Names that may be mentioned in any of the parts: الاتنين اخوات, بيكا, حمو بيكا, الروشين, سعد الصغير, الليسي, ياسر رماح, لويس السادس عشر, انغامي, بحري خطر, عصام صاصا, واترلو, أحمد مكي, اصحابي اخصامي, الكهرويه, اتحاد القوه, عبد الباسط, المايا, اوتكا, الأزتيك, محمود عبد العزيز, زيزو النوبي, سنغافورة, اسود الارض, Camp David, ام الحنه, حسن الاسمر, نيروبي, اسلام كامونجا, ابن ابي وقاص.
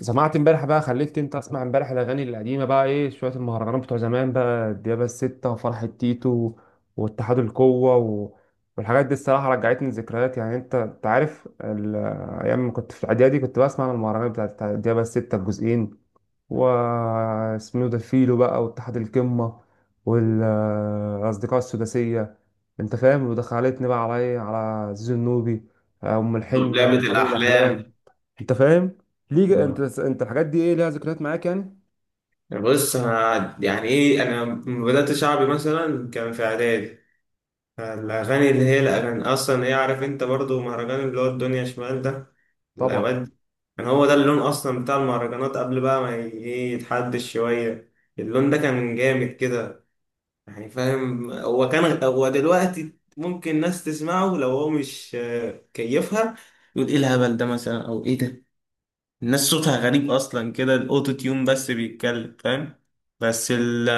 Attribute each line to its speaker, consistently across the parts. Speaker 1: سمعت امبارح بقى خليك انت اسمع امبارح الاغاني القديمه بقى ايه شويه المهرجانات بتوع زمان بقى الديابه الستة وفرحه تيتو واتحاد القوه والحاجات دي الصراحه رجعتني لذكريات، يعني انت عارف ايام ما كنت في الاعدادي كنت بسمع المهرجانات بتاعت الديابه الستة الجزئين واسمه ده فيلو بقى واتحاد القمه والاصدقاء السداسيه. انت فاهم، ودخلتني بقى على ايه، على زيزو النوبي، ام الحنه
Speaker 2: لعبة
Speaker 1: وفريق الاحلام.
Speaker 2: الأحلام.
Speaker 1: انت فاهم ليه انت
Speaker 2: آه.
Speaker 1: انت الحاجات دي ايه ليها ذكريات معاك يعني؟
Speaker 2: بص، أنا يعني إيه، أنا لما بدأت شعبي مثلا كان في إعدادي. الأغاني اللي هي الأغاني أصلا هي، عارف أنت برضو مهرجان اللي هو الدنيا شمال ده
Speaker 1: طبعا.
Speaker 2: الأوقات، كان هو ده اللون أصلا بتاع المهرجانات قبل بقى ما ي- إيه يتحدش شوية. اللون ده كان جامد كده، يعني فاهم. هو كان، هو دلوقتي ممكن ناس تسمعه لو هو مش كيفها، يقول إيه الهبل ده مثلا أو إيه ده. الناس صوتها غريب اصلا كده، الاوتو تيون بس بيتكلم، فاهم. بس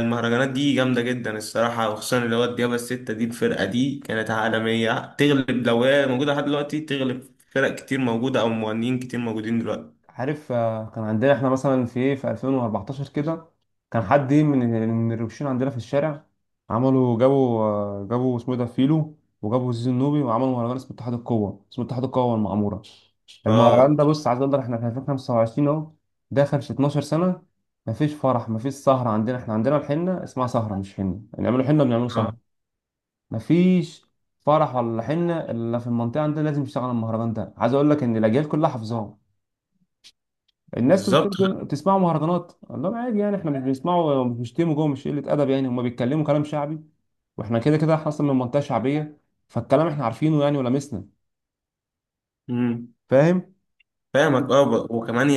Speaker 2: المهرجانات دي جامده جدا الصراحه، وخصوصا اللي هو الديابه السته دي. الفرقه دي كانت عالميه، تغلب لو هي موجوده لحد دلوقتي، تغلب فرق كتير موجوده او مغنيين كتير موجودين دلوقتي.
Speaker 1: عارف، آه، كان عندنا احنا مثلا في ايه في 2014 كده، كان حد إيه من الروشين عندنا في الشارع، عملوا، جابوا، آه، جابوا اسمه ايه ده، فيلو، وجابوا زيزو النوبي وعملوا مهرجان اسمه اتحاد القوة، اسمه اتحاد القوة والمعمورة. المهرجان
Speaker 2: اه،
Speaker 1: ده، بص عايز اقول لك، احنا في 2025 اهو، داخل في 12 سنة. مفيش فرح، مفيش سهرة، عندنا احنا عندنا الحنة اسمها سهرة، مش حنة، بنعملوا حنة، بنعملوا
Speaker 2: اه،
Speaker 1: سهرة. مفيش فرح ولا حنه الا في المنطقه عندنا لازم يشتغل على المهرجان ده. عايز اقول لك ان الاجيال كلها حافظاه. الناس تقول
Speaker 2: بالظبط.
Speaker 1: لك بتسمعوا مهرجانات، اقول لهم عادي يعني، احنا مش بنسمعوا ومش بنشتموا جوه، مش قله ادب يعني، هم بيتكلموا كلام شعبي، واحنا كده كده احنا اصلا من منطقه شعبيه، فالكلام احنا عارفينه يعني، ولمسنا.
Speaker 2: امم،
Speaker 1: فاهم.
Speaker 2: فاهمك. اه، وكمان،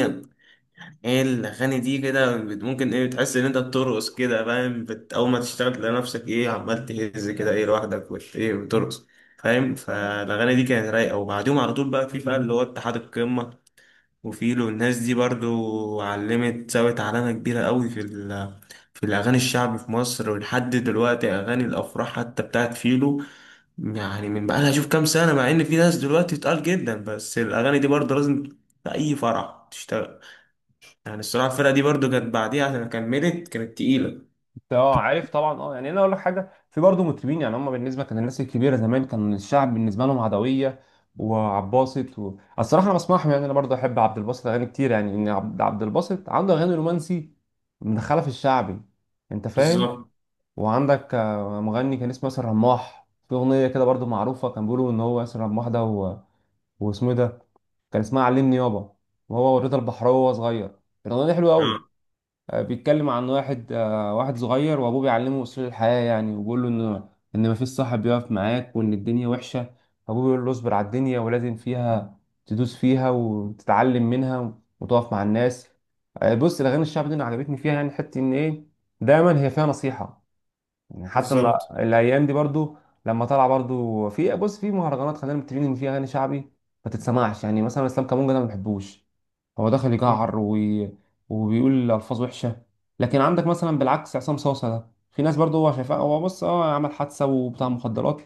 Speaker 2: ايه الاغاني دي كده، ممكن ايه بتحس ان انت بترقص كده، فاهم، اول ما تشتغل تلاقي نفسك ايه عمال تهز كده ايه لوحدك، ايه بترقص، فاهم. فالاغاني دي كانت رايقه، وبعديهم على طول بقى، في بقى اللي هو اتحاد القمه وفيلو. الناس دي برضو علمت سوت علامه كبيره قوي في الاغاني الشعبي في مصر. ولحد دلوقتي اغاني الافراح حتى بتاعت فيلو، يعني من بقى لها شوف كام سنه، مع ان في ناس دلوقتي تقال جدا، بس الاغاني دي برضو لازم في اي فرح تشتغل. يعني الصراحة الفرقة دي برضو كانت بعديها عشان كملت كانت تقيلة.
Speaker 1: اه عارف طبعا، اه يعني انا اقول لك حاجه، في برضه مطربين يعني هم بالنسبه، كان الناس الكبيره زمان كان الشعب بالنسبه لهم عدويه وعباسط الصراحه انا بسمعهم يعني، انا برضه احب عبد الباسط، اغاني كتير يعني، ان عبد الباسط عنده اغاني رومانسي مدخله في الشعبي. انت فاهم.
Speaker 2: بالظبط.
Speaker 1: وعندك آه، مغني كان اسمه ياسر رماح، في اغنيه كده برضه معروفه، كان بيقولوا ان هو ياسر رماح ده واسمه إيه ده، كان اسمها علمني يابا، وهو ورضا البحراوي وهو صغير. الاغنيه دي حلوه
Speaker 2: اه،
Speaker 1: قوي. آه، بيتكلم عن واحد، آه، واحد صغير وابوه بيعلمه اصول الحياه يعني، وبيقول له ان مفيش صاحب بيقف معاك، وان الدنيا وحشه، فابوه بيقول له اصبر على الدنيا ولازم فيها تدوس فيها وتتعلم منها وتقف مع الناس. آه، بص الاغاني الشعبيه دي أنا عجبتني فيها يعني، حته ان ايه، دايما هي فيها نصيحه، يعني حتى إن
Speaker 2: بالظبط
Speaker 1: الايام دي برضو لما طلع برضو في، بص في مهرجانات، خلينا متفقين ان في اغاني شعبي ما تتسمعش، يعني مثلا اسلام كامونجا ده ما بحبوش، هو دخل يجعر وبيقول الفاظ وحشه. لكن عندك مثلا بالعكس عصام صاصا ده، في ناس برضه هو شايفاه، هو بص اه عمل حادثه وبتاع مخدرات،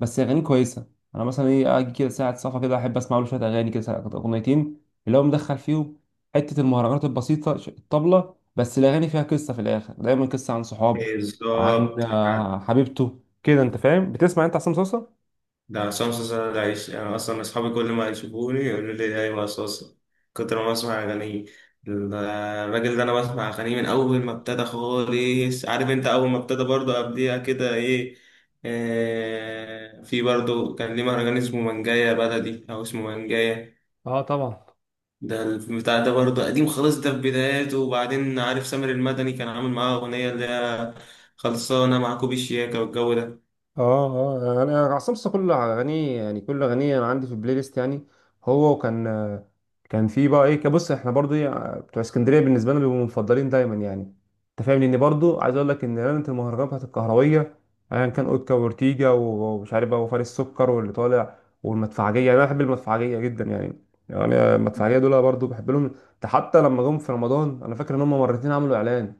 Speaker 1: بس اغانيه كويسه. انا مثلا ايه اجي كده ساعه صفا كده احب اسمع له شويه اغاني كده، اغنيتين اللي هو مدخل فيهم، حته المهرجانات البسيطه، الطبله بس، الاغاني فيها قصه في الاخر، دايما قصه عن صحاب، اه عن
Speaker 2: بالظبط. آه.
Speaker 1: آه، حبيبته كده. انت فاهم، بتسمع انت عصام صاصا؟
Speaker 2: ده عصام صاصا ده عيش يعني، اصلا اصحابي كل ما يشوفوني يقولوا لي ايوه صاصا، كتر ما اسمع اغانيه. الراجل ده انا بسمع اغانيه من اول ما ابتدى خالص. عارف انت، اول ما ابتدى برضه قبليها كده ايه، آه في برضه كان ليه مهرجان اسمه منجاية بلدي او اسمه منجاية.
Speaker 1: اه طبعا.
Speaker 2: ده البتاع ده برضه قديم خالص، ده في بداياته. وبعدين عارف سامر المدني كان عامل معاه أغنية اللي هي خلصانة مع كوبي الشياكة والجو ده.
Speaker 1: اه، اه انا عصام صاصا كل اغانيه يعني، كل اغانيه انا عندي في البلاي ليست يعني. هو وكان، كان في بقى ايه، كبص احنا برضو إيه، بتوع اسكندريه بالنسبه لنا بيبقوا مفضلين دايما يعني. انت فاهم؟ لان برضو عايز اقول لك ان ليله المهرجان بتاعت الكهرويه، ايا كان اوتكا وورتيجا ومش عارف بقى، وفارس السكر واللي طالع، والمدفعجيه، يعني انا بحب المدفعجيه جدا يعني. يعني المدفعجيه دول برضو بحب لهم، ده حتى لما جم في رمضان، انا فاكر ان هم مرتين عملوا اعلان،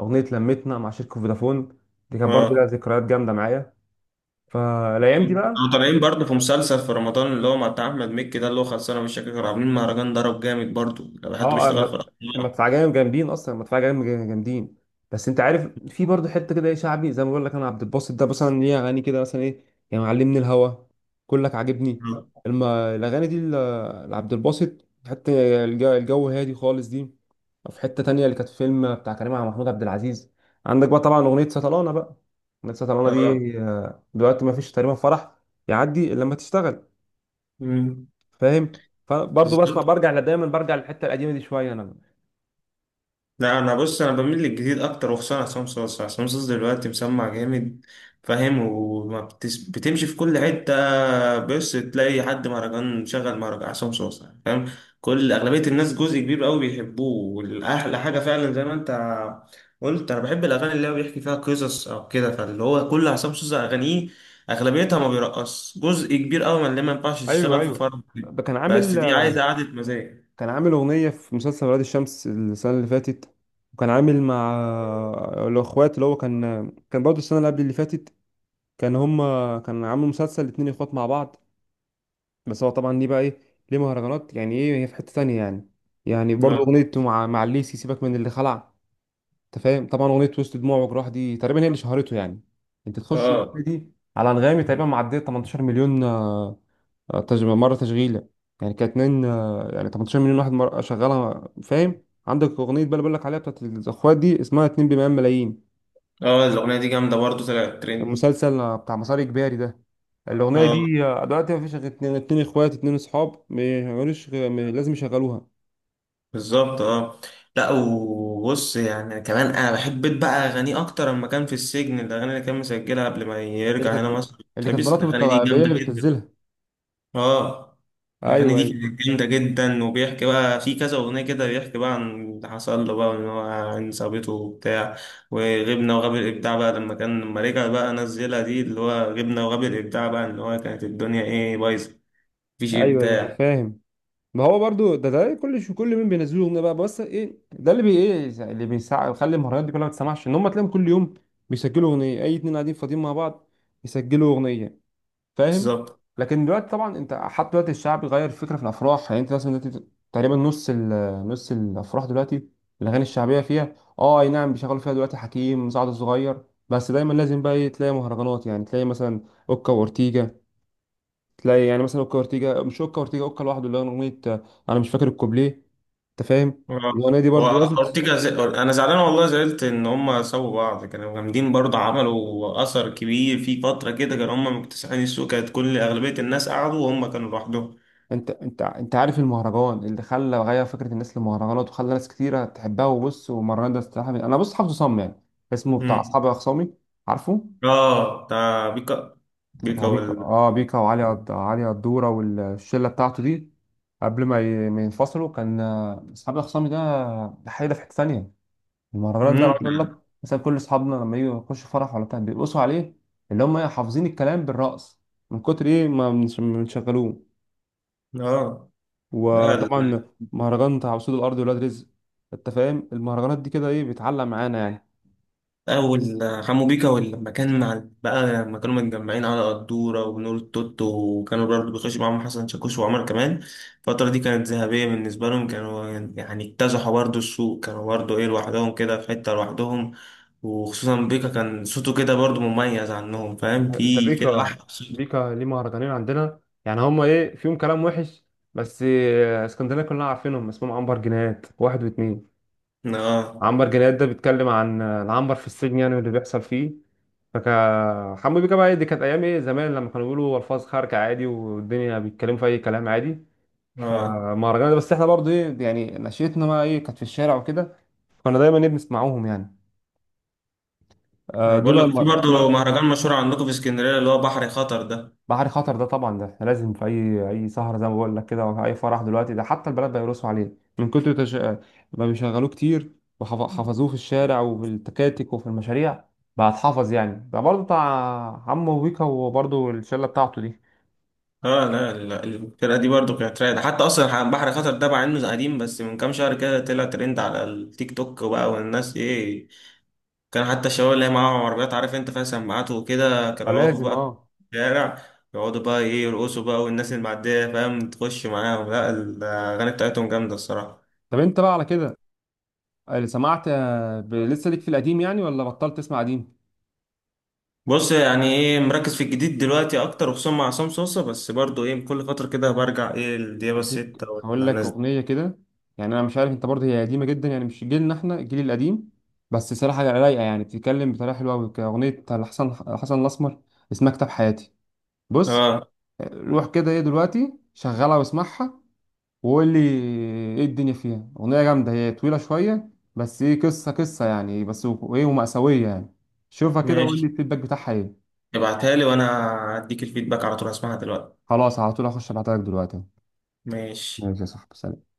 Speaker 1: اغنيه لمتنا مع شركه فودافون، دي كانت برضو لها
Speaker 2: اه.
Speaker 1: ذكريات جامده معايا. فالايام دي
Speaker 2: كانوا
Speaker 1: بقى.
Speaker 2: طالعين برضه في مسلسل في رمضان اللي هو مع بتاع أحمد مكي ده، اللي هو خلصانة مش فاكر. كانوا عاملين مهرجان ضرب جامد برضه لو حد
Speaker 1: اه
Speaker 2: بيشتغل في الأسواق.
Speaker 1: المدفعه جايه جامدين اصلا، المدفعه جايه جامدين. بس انت عارف في برضه حته كده ايه شعبي، زي ما بقول لك انا عبد الباسط ده مثلا ليه اغاني كده مثلا ايه، يعني معلمني الهوى، كلك عاجبني،
Speaker 2: اه،
Speaker 1: الاغاني دي لعبد الباسط حتى، الجو هادي خالص دي، في حته تانية اللي كانت فيلم بتاع كريم عبد، محمود عبد العزيز. عندك بقى طبعا اغنيه سطلانه بقى، اغنيه سطلانه
Speaker 2: اه.
Speaker 1: دي، آه، دلوقتي ما فيش تقريبا فرح يعدي إلا لما تشتغل.
Speaker 2: مم.
Speaker 1: فاهم؟ فبرضه بسمع،
Speaker 2: بالظبط.
Speaker 1: دايما برجع للحته القديمه دي شويه انا.
Speaker 2: لا، انا بص، انا بميل للجديد اكتر وخصوصا عصام صاصا. عصام صاصا دلوقتي مسمع جامد، فاهم. وما بتمشي في كل حته. بس تلاقي حد مهرجان شغل مهرجان عصام صاصا، فاهم. كل اغلبيه الناس جزء كبير قوي بيحبوه. والاحلى حاجه فعلا زي ما انت قلت، انا بحب الاغاني اللي هو بيحكي فيها قصص او كده. فاللي هو كل عصام صاصا اغانيه اغلبيتها ما بيرقص جزء كبير قوي، من اللي ما ينفعش
Speaker 1: ايوه،
Speaker 2: تشتغل في
Speaker 1: ايوه.
Speaker 2: فرق،
Speaker 1: كان
Speaker 2: بس
Speaker 1: عامل،
Speaker 2: دي عايزه قعده مزاج.
Speaker 1: كان عامل اغنيه في مسلسل ولاد الشمس السنه اللي فاتت، وكان عامل مع الاخوات، اللي هو كان برضه السنه اللي قبل اللي فاتت، كان هما، كان عامل مسلسل الاتنين اخوات مع بعض. بس هو طبعا ليه بقى ايه، ليه مهرجانات يعني، ايه هي في حته تانية يعني، يعني برضه اغنيه مع الليسي، سيبك من اللي خلع. انت فاهم طبعا اغنيه وسط دموع وجراح، دي تقريبا هي اللي شهرته يعني. انت تخش
Speaker 2: اه،
Speaker 1: الاغنيه دي على انغامي تقريبا معديه 18 مليون، آه، آه، مره تشغيله يعني، كانت اتنين آه، يعني 18 مليون واحد مرة شغالها. فاهم عندك اغنيه بقى، اللي بقول لك عليها بتاعت الاخوات دي، اسمها 2 بمئة ملايين.
Speaker 2: اه. الاغنيه دي جامده برضه طلعت ترند.
Speaker 1: المسلسل آه، بتاع مسار اجباري ده، الاغنيه
Speaker 2: اه،
Speaker 1: دي آه، دلوقتي ما فيش غير اتنين، اتنين اخوات، اتنين اصحاب، ما يعملوش لازم يشغلوها.
Speaker 2: بالظبط. اه. لا وبص، يعني كمان انا بحب بيت بقى اغانيه اكتر لما كان في السجن. الاغاني اللي كان مسجلها قبل ما
Speaker 1: اللي
Speaker 2: يرجع هنا
Speaker 1: كانت،
Speaker 2: مصر،
Speaker 1: اللي كانت
Speaker 2: فبس
Speaker 1: مراته
Speaker 2: الاغاني
Speaker 1: بتطلع
Speaker 2: دي
Speaker 1: هي
Speaker 2: جامده
Speaker 1: اللي
Speaker 2: جدا.
Speaker 1: بتنزلها.
Speaker 2: اه. الاغاني
Speaker 1: ايوه،
Speaker 2: دي
Speaker 1: ايوه.
Speaker 2: كانت جامده جدا. وبيحكي بقى في كذا اغنيه كده، بيحكي بقى عن اللي حصل له بقى، وان هو عن صاحبته وبتاع، وغبنا وغاب الابداع بقى، لما رجع بقى نزلها دي اللي هو غبنا وغاب الابداع بقى، ان هو كانت الدنيا ايه بايظه، مفيش
Speaker 1: ايوه، ايوه، انا
Speaker 2: ابداع.
Speaker 1: فاهم. ما هو برضو ده كل شو، كل مين بينزلوا اغنيه بقى، بس ايه ده اللي بي، ايه اللي بيسع يخلي المهرجانات دي كلها ما تسمعش، ان هم تلاقيهم كل يوم بيسجلوا اغنيه، اي اتنين قاعدين فاضيين مع بعض يسجلوا اغنيه. فاهم.
Speaker 2: بالظبط.
Speaker 1: لكن دلوقتي طبعا انت حتى دلوقتي الشعب غير الفكره في الافراح، يعني انت مثلا دلوقتي تقريبا نص نص الافراح دلوقتي الاغاني الشعبيه فيها، اه، اي نعم، بيشغلوا فيها دلوقتي حكيم، سعد الصغير، بس دايما لازم بقى ايه تلاقي مهرجانات، يعني تلاقي مثلا اوكا واورتيجا، تلاقي يعني مثلا اوكا اورتيجا، مش اوكا اورتيجا، اوكا لوحده، اللي هو اغنيه آه، انا مش فاكر الكوبليه. انت فاهم؟
Speaker 2: اه.
Speaker 1: الاغنيه دي
Speaker 2: هو
Speaker 1: برضو لازم
Speaker 2: اورتيجا انا زعلان والله، زعلت ان هم سابوا بعض. كانوا جامدين برضه، عملوا اثر كبير في فتره كده، كانوا هم مكتسحين السوق، كانت كل اغلبيه الناس قعدوا وهم كانوا لوحدهم.
Speaker 1: انت عارف المهرجان اللي خلى غير فكره الناس للمهرجانات، وخلى ناس كتيره تحبها، وبص، والمهرجان ده استراحه من، انا بص حافظه صم يعني اسمه، بتاع
Speaker 2: امم.
Speaker 1: اصحابي اخصامي، عارفه؟
Speaker 2: اه، بتاع بيكا.
Speaker 1: بتاع
Speaker 2: بيكا
Speaker 1: بيكا،
Speaker 2: وال
Speaker 1: اه بيكا علي قدوره والشله بتاعته دي، قبل ما ينفصلوا، كان آه، اصحابي اخصامي ده، ده حاجه في حته ثانيه. المهرجانات ده
Speaker 2: امم
Speaker 1: عاوز اقول لك، مثلا كل اصحابنا لما يجوا يخشوا فرح ولا بتاع بيرقصوا عليه، اللي هم إيه، حافظين الكلام بالرقص، من كتر ايه ما بنشغلوه.
Speaker 2: اه ده
Speaker 1: وطبعا مهرجان بتاع اسود الارض، ولاد رزق. انت فاهم المهرجانات دي كده ايه بتعلق معانا يعني.
Speaker 2: أول حمو بيكا. ولما كان مع بقى، لما كانوا متجمعين على قدورة ونور التوتو، وكانوا برضه بيخشوا معاهم حسن شاكوش وعمر كمان. الفترة دي كانت ذهبية بالنسبة لهم، كانوا يعني اكتسحوا برضه السوق، كانوا برضه إيه لوحدهم كده، في حتة لوحدهم. وخصوصا بيكا كان صوته كده برضه مميز عنهم، فاهم،
Speaker 1: ده
Speaker 2: في كده واحد
Speaker 1: بيكا،
Speaker 2: صوت.
Speaker 1: بيكا ليه مهرجانين عندنا يعني، هما ايه فيهم كلام وحش، بس آه، اسكندريه كلنا عارفينهم، اسمهم عنبر جنيهات واحد واتنين،
Speaker 2: آه،
Speaker 1: عنبر جنيهات ده بيتكلم عن آه، العنبر في السجن يعني واللي بيحصل فيه. فكا حمو بيكا بقى إيه، دي كانت ايام ايه زمان، لما كانوا بيقولوا الفاظ خارجه عادي، والدنيا بيتكلموا في اي كلام عادي.
Speaker 2: آه.
Speaker 1: فمهرجانات ده، بس احنا برضو ايه يعني نشيتنا بقى ايه كانت في الشارع وكده، كنا دايما ايه بنسمعوهم يعني. آه،
Speaker 2: أنا
Speaker 1: دول
Speaker 2: بقول لك في برضه مهرجان مشهور عندكم في اسكندرية، اللي هو بحر خطر ده.
Speaker 1: بحري خطر ده طبعا، ده لازم في اي سهره زي ما بقول لك كده، او اي فرح دلوقتي، ده حتى البنات بيرقصوا عليه، من ما بيشغلوه كتير، وحفظوه في الشارع وفي التكاتك وفي المشاريع، بقى اتحفظ يعني. ده برضه بتاع حمو بيكا وبرضه الشله بتاعته دي.
Speaker 2: اه. لا لا، الفرقة دي برضو كانت رايقة. حتى اصلا بحر خطر ده مع انه قديم، بس من كام شهر كده طلع ترند على التيك توك وبقى، والناس ايه، كان حتى الشباب اللي هي معاهم عربيات، عارف انت فيها سماعات وكده،
Speaker 1: آه،
Speaker 2: كانوا يقفوا
Speaker 1: لازم،
Speaker 2: بقى في
Speaker 1: اه.
Speaker 2: الشارع، يقعدوا بقى ايه يرقصوا بقى، والناس اللي معدية فاهم تخش معاهم. لا، الاغاني بتاعتهم جامدة الصراحة.
Speaker 1: طب انت بقى على كده، اللي سمعت آه، لسه ليك في القديم يعني، ولا بطلت تسمع قديم؟
Speaker 2: بص يعني ايه، مركز في الجديد دلوقتي اكتر وخصوصا مع عصام صوصة، بس برضو ايه كل فترة كده برجع ايه لديابة
Speaker 1: هديك،
Speaker 2: الستة ولا
Speaker 1: هقول لك
Speaker 2: الناس دي.
Speaker 1: اغنيه كده، يعني انا مش عارف انت برضه، هي قديمه جدا يعني، مش جيلنا، احنا الجيل القديم. بس صراحه رايقه يعني بتتكلم بطريقه حلوه قوي، كاغنيه حسن الاسمر، اسمها كتاب حياتي. بص
Speaker 2: اه،
Speaker 1: آه، روح كده ايه دلوقتي شغلها واسمعها وقول لي ايه. الدنيا فيها اغنيه جامده، هي طويله شويه، بس ايه، قصه قصه يعني، بس وايه، ومأساويه يعني. شوفها كده وقول لي
Speaker 2: ماشي.
Speaker 1: الفيدباك بتاعها ايه.
Speaker 2: ابعتها لي وانا هديك الفيدباك على طول، هسمعها دلوقتي.
Speaker 1: خلاص، على طول هخش ابعتلك دلوقتي.
Speaker 2: ماشي.
Speaker 1: ماشي يا صاحبي، سلام.